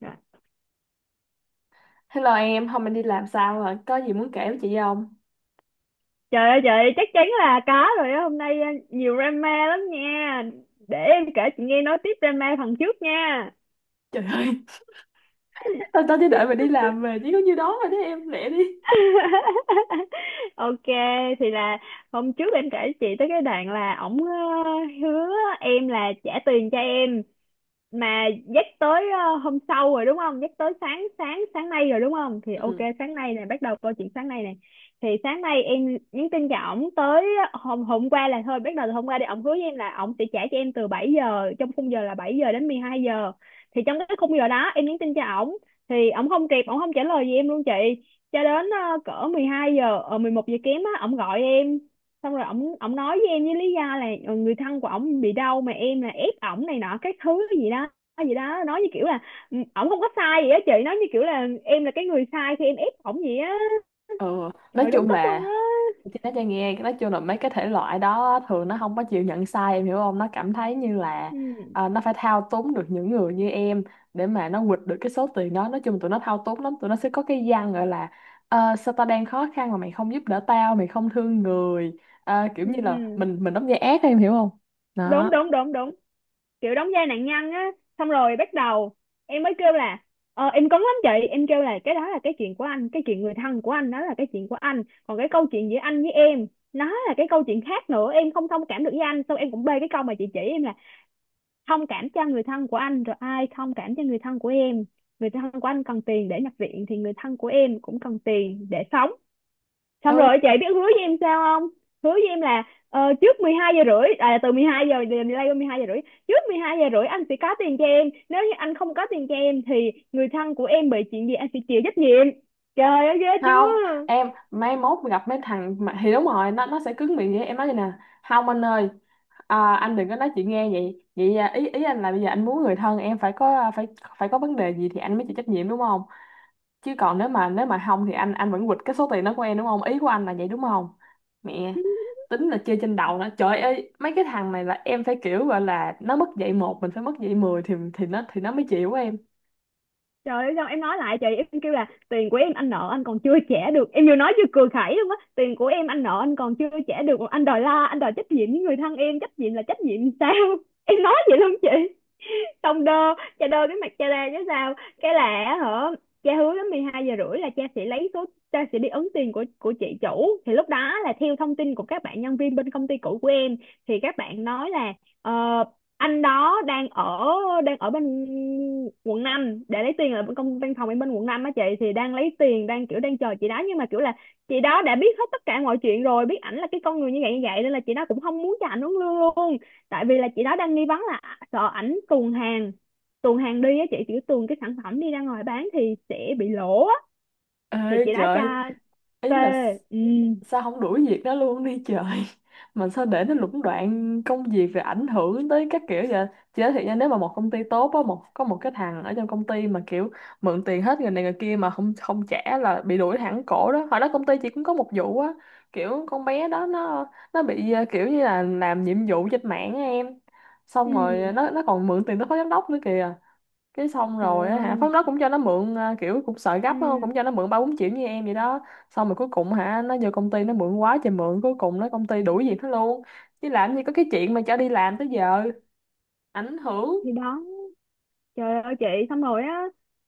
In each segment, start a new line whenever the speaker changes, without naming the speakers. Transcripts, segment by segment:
Dạ.
Hello em, hôm anh đi làm sao rồi? Có gì muốn kể với chị không?
Trời ơi, chắc chắn là có rồi á. Hôm nay nhiều drama lắm nha, để em kể chị nghe nói tiếp drama phần trước nha.
Trời ơi! tao tao chỉ đợi mày đi làm về chỉ có nhiêu đó rồi đấy em, lẹ đi.
OK, thì là hôm trước em kể chị tới cái đoạn là ổng hứa em là trả tiền cho em, mà dắt tới hôm sau rồi đúng không, dắt tới sáng sáng sáng nay rồi đúng không. Thì OK,
Ừ.
sáng nay này bắt đầu câu chuyện sáng nay này. Thì sáng nay em nhắn tin cho ổng tới hôm hôm qua là, thôi bắt đầu từ hôm qua đi, ổng hứa với em là ổng sẽ trả cho em từ 7 giờ, trong khung giờ là 7 giờ đến 12 giờ. Thì trong cái khung giờ đó em nhắn tin cho ổng, thì ổng không kịp, ổng không trả lời gì em luôn chị. Cho đến cỡ 12 giờ, ở 11 giờ kém á, ổng gọi em. Xong rồi ổng ổng nói với em với lý do là người thân của ổng bị đau, mà em là ép ổng này nọ các thứ gì đó, gì đó, nói như kiểu là ừ, ổng không có sai gì á chị, nói như kiểu là em là cái người sai khi em ép ổng gì á.
Ừ, nói
Trời, đúng
chung
tức luôn
là
á.
chị nói cho em nghe, nói chung là mấy cái thể loại đó thường nó không có chịu nhận sai, em hiểu không? Nó cảm thấy như là
Ừ.
nó phải thao túng được những người như em để mà nó quỵt được cái số tiền đó. Nói chung tụi nó thao túng lắm, tụi nó sẽ có cái văn gọi là "Ờ, sao tao đang khó khăn mà mày không giúp đỡ tao, mày không thương người. Ờ, kiểu
Ừ.
như là
Ừ.
mình đóng vai ác, em hiểu không?
Đúng
Đó."
đúng đúng đúng, kiểu đóng vai nạn nhân á. Xong rồi bắt đầu em mới kêu là em cấn lắm chị. Em kêu là cái đó là cái chuyện của anh, cái chuyện người thân của anh đó là cái chuyện của anh, còn cái câu chuyện giữa anh với em nó là cái câu chuyện khác nữa, em không thông cảm được với anh. Xong em cũng bê cái câu mà chị chỉ em là thông cảm cho người thân của anh rồi ai thông cảm cho người thân của em, người thân của anh cần tiền để nhập viện thì người thân của em cũng cần tiền để sống. Xong rồi chị biết hứa với em sao không, hứa với em là trước 12 giờ rưỡi à, từ 12 giờ giờ delay qua 12 giờ rưỡi, trước 12 giờ rưỡi anh sẽ có tiền cho em, nếu như anh không có tiền cho em thì người thân của em bị chuyện gì anh sẽ chịu trách nhiệm. Trời ơi ghê chưa.
Không em, mai mốt gặp mấy thằng mà, thì đúng rồi, nó sẽ cứng miệng vậy, em nói vậy nè: "Không anh ơi, anh đừng có nói chuyện nghe vậy vậy, ý ý anh là bây giờ anh muốn người thân em phải có, phải phải có vấn đề gì thì anh mới chịu trách nhiệm đúng không? Chứ còn nếu mà không thì anh vẫn quỵt cái số tiền đó của em đúng không? Ý của anh là vậy đúng không?" Mẹ, tính là chơi trên đầu nó. Trời ơi, mấy cái thằng này là em phải kiểu gọi là nó mất dạy một mình phải mất dạy mười thì nó mới chịu á em.
Trời ơi, xong em nói lại chị, em kêu là tiền của em anh nợ anh còn chưa trả được. Em vừa nói vừa cười khẩy luôn á. Tiền của em anh nợ anh còn chưa trả được, anh đòi la, anh đòi trách nhiệm với người thân em. Trách nhiệm là trách nhiệm sao? Em nói vậy luôn chị. Xong đơ, cha đơ cái mặt cha ra chứ sao. Cái là á hả, cha hứa đến 12 giờ rưỡi là cha sẽ lấy số, cha sẽ đi ấn tiền của chị chủ. Thì lúc đó là theo thông tin của các bạn nhân viên bên công ty cũ của em, thì các bạn nói là ờ, anh đó đang ở, đang ở bên quận 5 để lấy tiền, ở bên công văn phòng em bên quận 5 á chị, thì đang lấy tiền, đang kiểu đang chờ chị đó. Nhưng mà kiểu là chị đó đã biết hết tất cả mọi chuyện rồi, biết ảnh là cái con người như vậy như vậy, nên là chị đó cũng không muốn cho ảnh uống lương luôn. Tại vì là chị đó đang nghi vấn là sợ ảnh tuồn hàng, tuồn hàng đi á chị, chỉ tuồn cái sản phẩm đi ra ngoài bán thì sẽ bị lỗ á.
Ê
Thì chị đã
trời,
cho
ý
tê.
là
Ừ.
sao không đuổi việc đó luôn đi trời. Mà sao để nó lũng đoạn công việc rồi ảnh hưởng tới các kiểu vậy? Chị nói thiệt nha, nếu mà một công ty tốt á, có một cái thằng ở trong công ty mà kiểu mượn tiền hết người này người kia mà không không trả là bị đuổi thẳng cổ đó. Hồi đó công ty chị cũng có một vụ á, kiểu con bé đó nó bị kiểu như là làm nhiệm vụ trên mạng á em, xong
Ừ.
rồi nó còn mượn tiền tới phó giám đốc nữa kìa. Cái xong
Trời
rồi á hả,
ơi.
phóng đó cũng cho nó mượn, kiểu cũng sợ gấp á,
Ừ.
cũng cho nó mượn ba bốn triệu như em vậy đó. Xong rồi cuối cùng hả, nó vô công ty nó mượn quá trời mượn, cuối cùng nó công ty đuổi việc nó luôn, chứ làm gì có cái chuyện mà cho đi làm tới giờ ảnh hưởng.
Thì đó. Trời ơi chị, xong rồi á,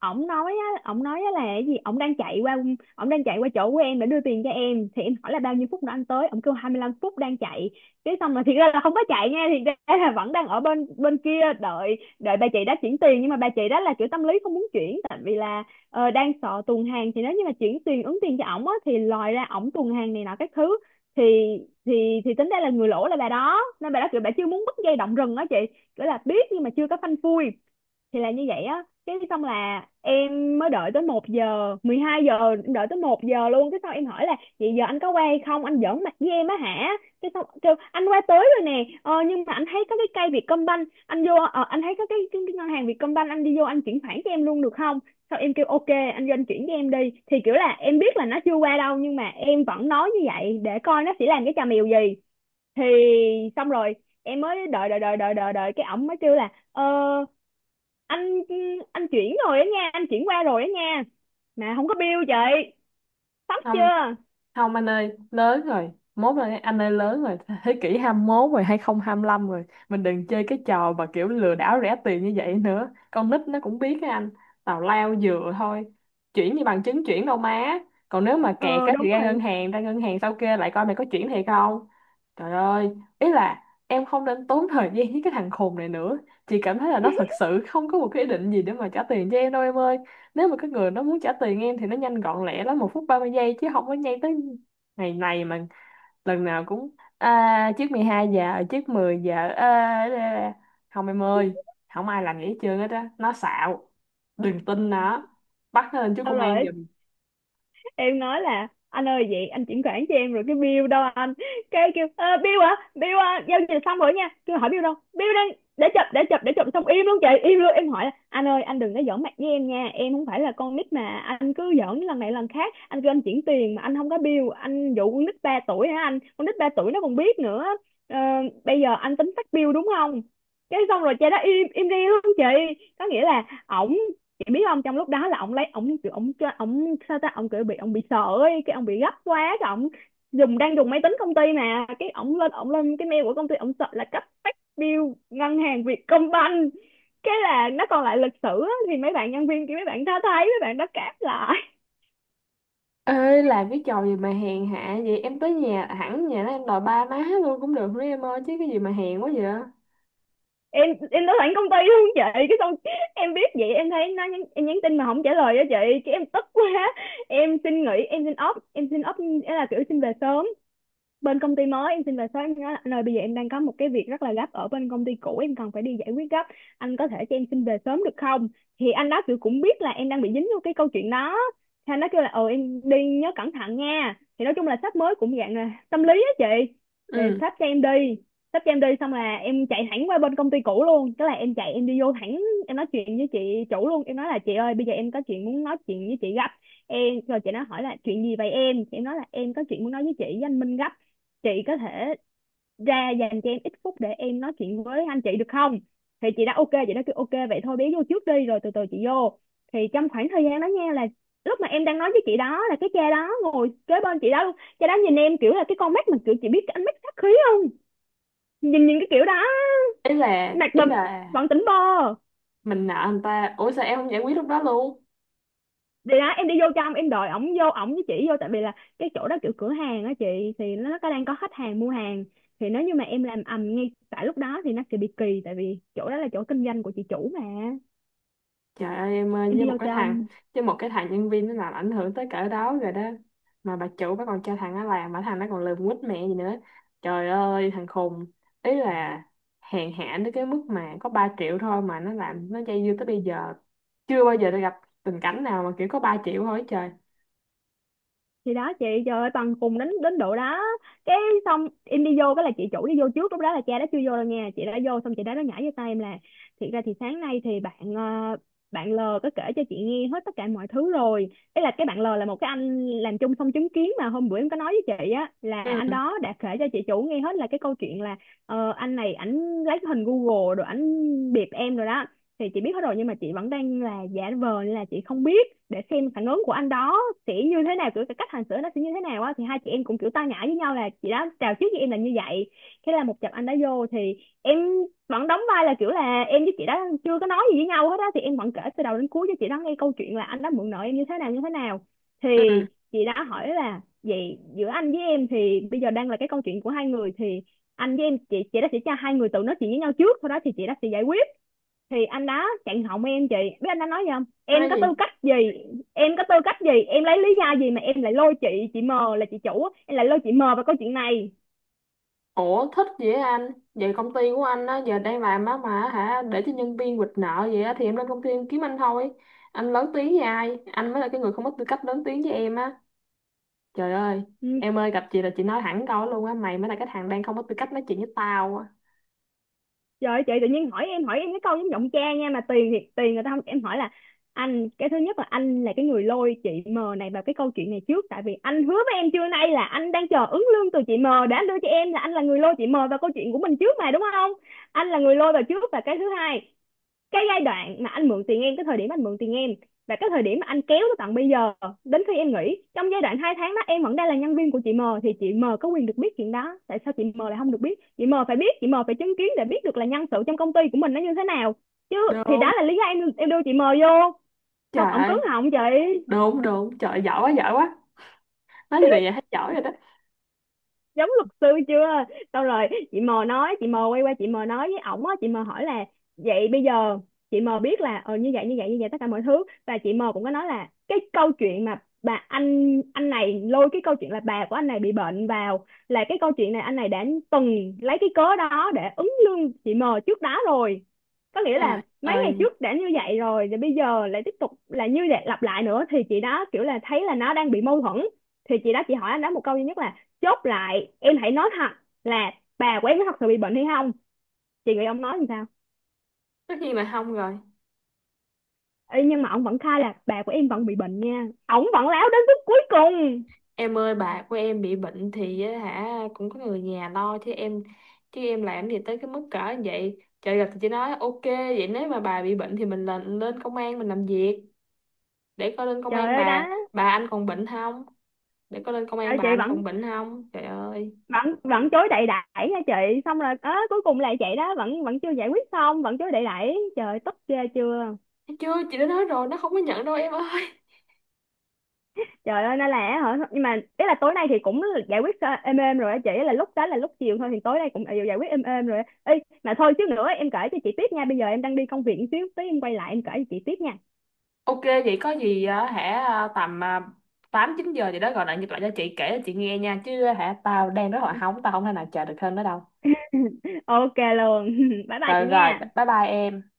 ổng nói á, ổng nói á là cái gì ổng đang chạy qua, ổng đang chạy qua chỗ của em để đưa tiền cho em. Thì em hỏi là bao nhiêu phút nữa anh tới, ổng kêu 25 phút đang chạy. Cái xong rồi thiệt ra là không có chạy nha, thì ra là vẫn đang ở bên bên kia đợi, đợi bà chị đã chuyển tiền. Nhưng mà bà chị đó là kiểu tâm lý không muốn chuyển, tại vì là đang sợ tuồn hàng, thì nếu như mà chuyển tiền ứng tiền cho ổng á thì lòi ra ổng tuồn hàng này nọ các thứ. Thì thì thì tính ra là người lỗ là bà đó, nên bà đó kiểu bà chưa muốn bứt dây động rừng á chị, kiểu là biết nhưng mà chưa có phanh phui. Thì là như vậy á. Cái xong là em mới đợi tới 1 giờ, 12 giờ em đợi tới 1 giờ luôn. Cái xong em hỏi là vậy giờ anh có qua hay không, anh giỡn mặt với em á hả. Cái xong kêu anh qua tới rồi nè, nhưng mà anh thấy có cái cây Vietcombank anh vô, anh thấy có cái ngân hàng Vietcombank anh đi vô, anh chuyển khoản cho em luôn được không. Xong em kêu OK, anh vô anh chuyển cho em đi. Thì kiểu là em biết là nó chưa qua đâu, nhưng mà em vẫn nói như vậy để coi nó sẽ làm cái trò mèo gì. Thì xong rồi em mới đợi đợi đợi đợi đợi đợi cái ổng mới kêu là anh anh chuyển rồi á nha, anh chuyển qua rồi á nha, mà không có bill chị. Sốc chưa.
Không anh ơi, lớn rồi mốt rồi anh ơi, lớn rồi. Thế kỷ 21 rồi, hai hai không hai lăm rồi, mình đừng chơi cái trò mà kiểu lừa đảo rẻ tiền như vậy nữa, con nít nó cũng biết á anh. Tào lao dừa thôi, chuyển như bằng chứng chuyển đâu má? Còn nếu mà kẹt
Ờ
á
đúng
thì ra ngân
rồi.
hàng, sau kia lại coi mày có chuyển thiệt không. Trời ơi, ý là em không nên tốn thời gian với cái thằng khùng này nữa. Chị cảm thấy là nó thật sự không có một cái ý định gì để mà trả tiền cho em đâu em ơi. Nếu mà cái người đó muốn trả tiền em thì nó nhanh gọn lẹ lắm, một phút 30 giây chứ không có nhây tới ngày này mà lần nào cũng "Trước 12 giờ, trước 10 giờ, à." Không em ơi, không ai làm vậy hết trơn hết á, nó xạo, đừng tin nó, bắt nó lên trước
Xong
công an
rồi
giùm.
em nói là anh ơi vậy anh chuyển khoản cho em rồi cái bill đâu anh. Cái kêu "Ờ, bill hả, bill à, giao dịch xong rồi nha." Kêu hỏi bill đâu, bill đang để chụp, để chụp. Xong im luôn chị, im luôn. Em hỏi là anh ơi, anh đừng có giỡn mặt với em nha, em không phải là con nít mà anh cứ giỡn lần này lần khác. Anh kêu anh chuyển tiền mà anh không có bill, anh dụ con nít 3 tuổi hả anh, con nít 3 tuổi nó còn biết nữa. Ờ, bây giờ anh tính phát bill đúng không. Cái xong rồi cha đó im im đi luôn chị. Có nghĩa là ổng, chị biết không, trong lúc đó là ông lấy ông kiểu ông cho ông sao ta, ông kiểu bị, ông bị sợ ấy, cái ông bị gấp quá, cái ông dùng, đang dùng máy tính công ty, mà cái ông lên, ông lên cái mail của công ty, ông sợ là cấp phát bill ngân hàng Vietcombank, cái là nó còn lại lịch sử á. Thì mấy bạn nhân viên kia, mấy bạn đã thấy, mấy bạn đã cáp lại.
Ê làm cái trò gì mà hèn hạ vậy, em tới nhà, hẳn nhà nó, em đòi ba má luôn cũng được nữa em ơi, chứ cái gì mà hèn quá vậy.
Em đã sẵn công ty luôn chị, cái xong em biết vậy em thấy nó nhắn, em nhắn tin mà không trả lời á chị, cái em tức quá, em xin nghỉ, em xin off, em xin off là kiểu xin về sớm bên công ty mới, em xin về sớm. Em nói anh ơi bây giờ em đang có một cái việc rất là gấp ở bên công ty cũ em cần phải đi giải quyết gấp, anh có thể cho em xin về sớm được không. Thì anh đó kiểu cũng biết là em đang bị dính vô cái câu chuyện đó, thì anh đó kêu là ừ em đi nhớ cẩn thận nha. Thì nói chung là sếp mới cũng dạng là tâm lý á chị. Thì
Ừ,
sếp cho em đi xong là em chạy thẳng qua bên công ty cũ luôn. Tức là em chạy, em đi vô thẳng, em nói chuyện với chị chủ luôn. Em nói là chị ơi bây giờ em có chuyện muốn nói chuyện với chị gấp. Em rồi chị nó hỏi là chuyện gì vậy em, thì em nói là em có chuyện muốn nói với chị với anh Minh gấp, chị có thể ra dành cho em ít phút để em nói chuyện với anh chị được không. Thì chị đã OK, chị đã kêu OK, vậy thôi bé vô trước đi rồi từ từ chị vô. Thì trong khoảng thời gian đó nha, là lúc mà em đang nói với chị đó là cái cha đó ngồi kế bên chị đó luôn, cha đó nhìn em kiểu là cái con mắt mà kiểu, chị biết cái ánh mắt sát khí không, nhìn nhìn cái kiểu đó,
ý là
mặt mà vẫn tỉnh bơ.
mình nợ người ta, ủa sao em không giải quyết lúc đó luôn?
Thì đó em đi vô trong em đòi ổng vô, ổng với chỉ vô, tại vì là cái chỗ đó kiểu cửa hàng á chị, thì nó có đang có khách hàng mua hàng, thì nếu như mà em làm ầm ngay tại lúc đó thì nó sẽ bị kỳ, tại vì chỗ đó là chỗ kinh doanh của chị chủ mà.
Trời ơi em ơi,
Em
với
đi
một
vô
cái thằng,
trong.
nhân viên nó làm ảnh hưởng tới cỡ đó rồi đó, mà bà chủ bà còn cho thằng nó làm, mà thằng nó còn lườm quýt mẹ gì nữa. Trời ơi thằng khùng, ý là hèn hạ đến cái mức mà có 3 triệu thôi mà nó làm nó dây dưa tới bây giờ. Chưa bao giờ tôi gặp tình cảnh nào mà kiểu có 3 triệu thôi, trời.
Thì đó chị, trời ơi, tầng cùng đến đến độ đó. Cái, xong em đi vô cái là chị chủ đi vô trước, lúc đó là cha đã chưa vô đâu nha, chị đã vô xong chị đã nó nhảy vô tay em là: thiệt ra thì sáng nay thì bạn bạn L có kể cho chị nghe hết tất cả mọi thứ rồi. Ý là cái bạn L là một cái anh làm chung xong chứng kiến mà hôm bữa em có nói với chị á, là anh
Ừ.
đó đã kể cho chị chủ nghe hết là cái câu chuyện là anh này ảnh lấy cái hình Google rồi ảnh bịp em rồi đó. Thì chị biết hết rồi nhưng mà chị vẫn đang là giả vờ là chị không biết, để xem phản ứng của anh đó sẽ như thế nào, kiểu cái cách hành xử nó sẽ như thế nào á. Thì hai chị em cũng kiểu tao nhã với nhau, là chị đó chào trước với em là như vậy. Thế là một chập anh đã vô thì em vẫn đóng vai là kiểu là em với chị đó chưa có nói gì với nhau hết á, thì em vẫn kể từ đầu đến cuối cho chị đó nghe câu chuyện là anh đã mượn nợ em như thế nào như thế nào. Thì
Ừ.
chị đã hỏi là vậy giữa anh với em thì bây giờ đang là cái câu chuyện của hai người, thì anh với em, chị đó sẽ cho hai người tự nói chuyện với nhau trước, sau đó thì chị đó sẽ giải quyết. Thì anh đó chặn họng em. Chị biết anh đã nói gì không? Em
Nói
có tư
gì?
cách gì, em có tư cách gì, em lấy lý do gì mà em lại lôi chị M là chị chủ á, em lại lôi chị M vào câu chuyện này.
Ủa thích vậy anh? Vậy công ty của anh á giờ đang làm á mà hả? Để cho nhân viên quỵt nợ vậy á? Thì em lên công ty em kiếm anh thôi. Anh lớn tiếng với ai? Anh mới là cái người không có tư cách lớn tiếng với em á. Trời ơi.
Ừ,
Em ơi gặp chị là chị nói thẳng câu đó luôn á: "Mày mới là cái thằng đang không có tư cách nói chuyện với tao á."
trời ơi, chị tự nhiên hỏi em, hỏi em cái câu giống giọng cha nha, mà tiền thì tiền người ta không. Em hỏi là: anh, cái thứ nhất là anh là cái người lôi chị M này vào cái câu chuyện này trước, tại vì anh hứa với em trưa nay là anh đang chờ ứng lương từ chị M để anh đưa cho em, là anh là người lôi chị M vào câu chuyện của mình trước mà đúng không? Anh là người lôi vào trước. Và cái thứ hai, cái giai đoạn mà anh mượn tiền em, cái thời điểm anh mượn tiền em và cái thời điểm mà anh kéo tới tận bây giờ, đến khi em nghỉ, trong giai đoạn hai tháng đó em vẫn đang là nhân viên của chị M, thì chị M có quyền được biết chuyện đó. Tại sao chị M lại không được biết? Chị M phải biết, chị M phải chứng kiến để biết được là nhân sự trong công ty của mình nó như thế nào chứ. Thì
Đúng.
đó là lý do em đưa chị M vô. Xong
Trời
ổng cứng
ơi.
họng chị,
Đúng đúng. Trời ơi, giỏi quá giỏi quá. Nói gì vậy, hết giỏi rồi đó.
giống luật sư chưa? Xong rồi chị M nói, chị M quay qua chị M nói với ổng á, chị M hỏi là vậy bây giờ chị M biết là như vậy như vậy như vậy, tất cả mọi thứ. Và chị M cũng có nói là cái câu chuyện mà bà anh này lôi cái câu chuyện là bà của anh này bị bệnh vào, là cái câu chuyện này anh này đã từng lấy cái cớ đó để ứng lương chị M trước đó rồi. Có nghĩa
Trời
là mấy ngày
ơi.
trước đã như vậy rồi, rồi bây giờ lại tiếp tục là như vậy, lặp lại nữa, thì chị đó kiểu là thấy là nó đang bị mâu thuẫn. Thì chị đó chị hỏi anh đó một câu duy nhất là: chốt lại em hãy nói thật là bà của em có thật sự bị bệnh hay không? Chị nghĩ ông nói làm sao?
Tất nhiên là không rồi.
Ê, nhưng mà ông vẫn khai là bà của em vẫn bị bệnh nha, ông vẫn láo đến phút cuối cùng.
Em ơi, bà của em bị bệnh thì á hả cũng có người nhà lo chứ em, chứ em làm gì tới cái mức cỡ như vậy trời. Gặp thì chị nói ok, vậy nếu mà bà bị bệnh thì mình lên lên công an mình làm việc, để coi lên công
Trời
an
ơi
bà
đó.
anh còn bệnh không, để coi lên công
Trời
an
ơi,
bà
chị
anh
vẫn
còn bệnh không. Trời ơi.
vẫn vẫn chối đậy đẩy nha chị. Xong rồi ớ cuối cùng là vậy đó, vẫn vẫn chưa giải quyết xong, vẫn chối đậy đẩy, trời ơi, tức ghê chưa.
Thấy chưa, chị đã nói rồi nó không có nhận đâu em ơi.
Trời ơi, nên là hả? Nhưng mà ý là tối nay thì cũng giải quyết êm êm rồi á chị. Là lúc đó là lúc chiều thôi, thì tối nay cũng đều giải quyết êm êm rồi á. Ê, mà thôi xíu nữa em kể cho chị tiếp nha. Bây giờ em đang đi công việc một xíu, tí em quay lại em kể cho chị tiếp nha.
Ok vậy có gì á hả tầm tám chín giờ gì đó gọi lại nhịp lại cho chị, kể cho chị nghe nha, chứ hả tao đang rất là hóng, tao không thể nào chờ được hơn nữa đâu.
Ok luôn. Bye bye
Rồi
chị
rồi,
nha.
bye bye em.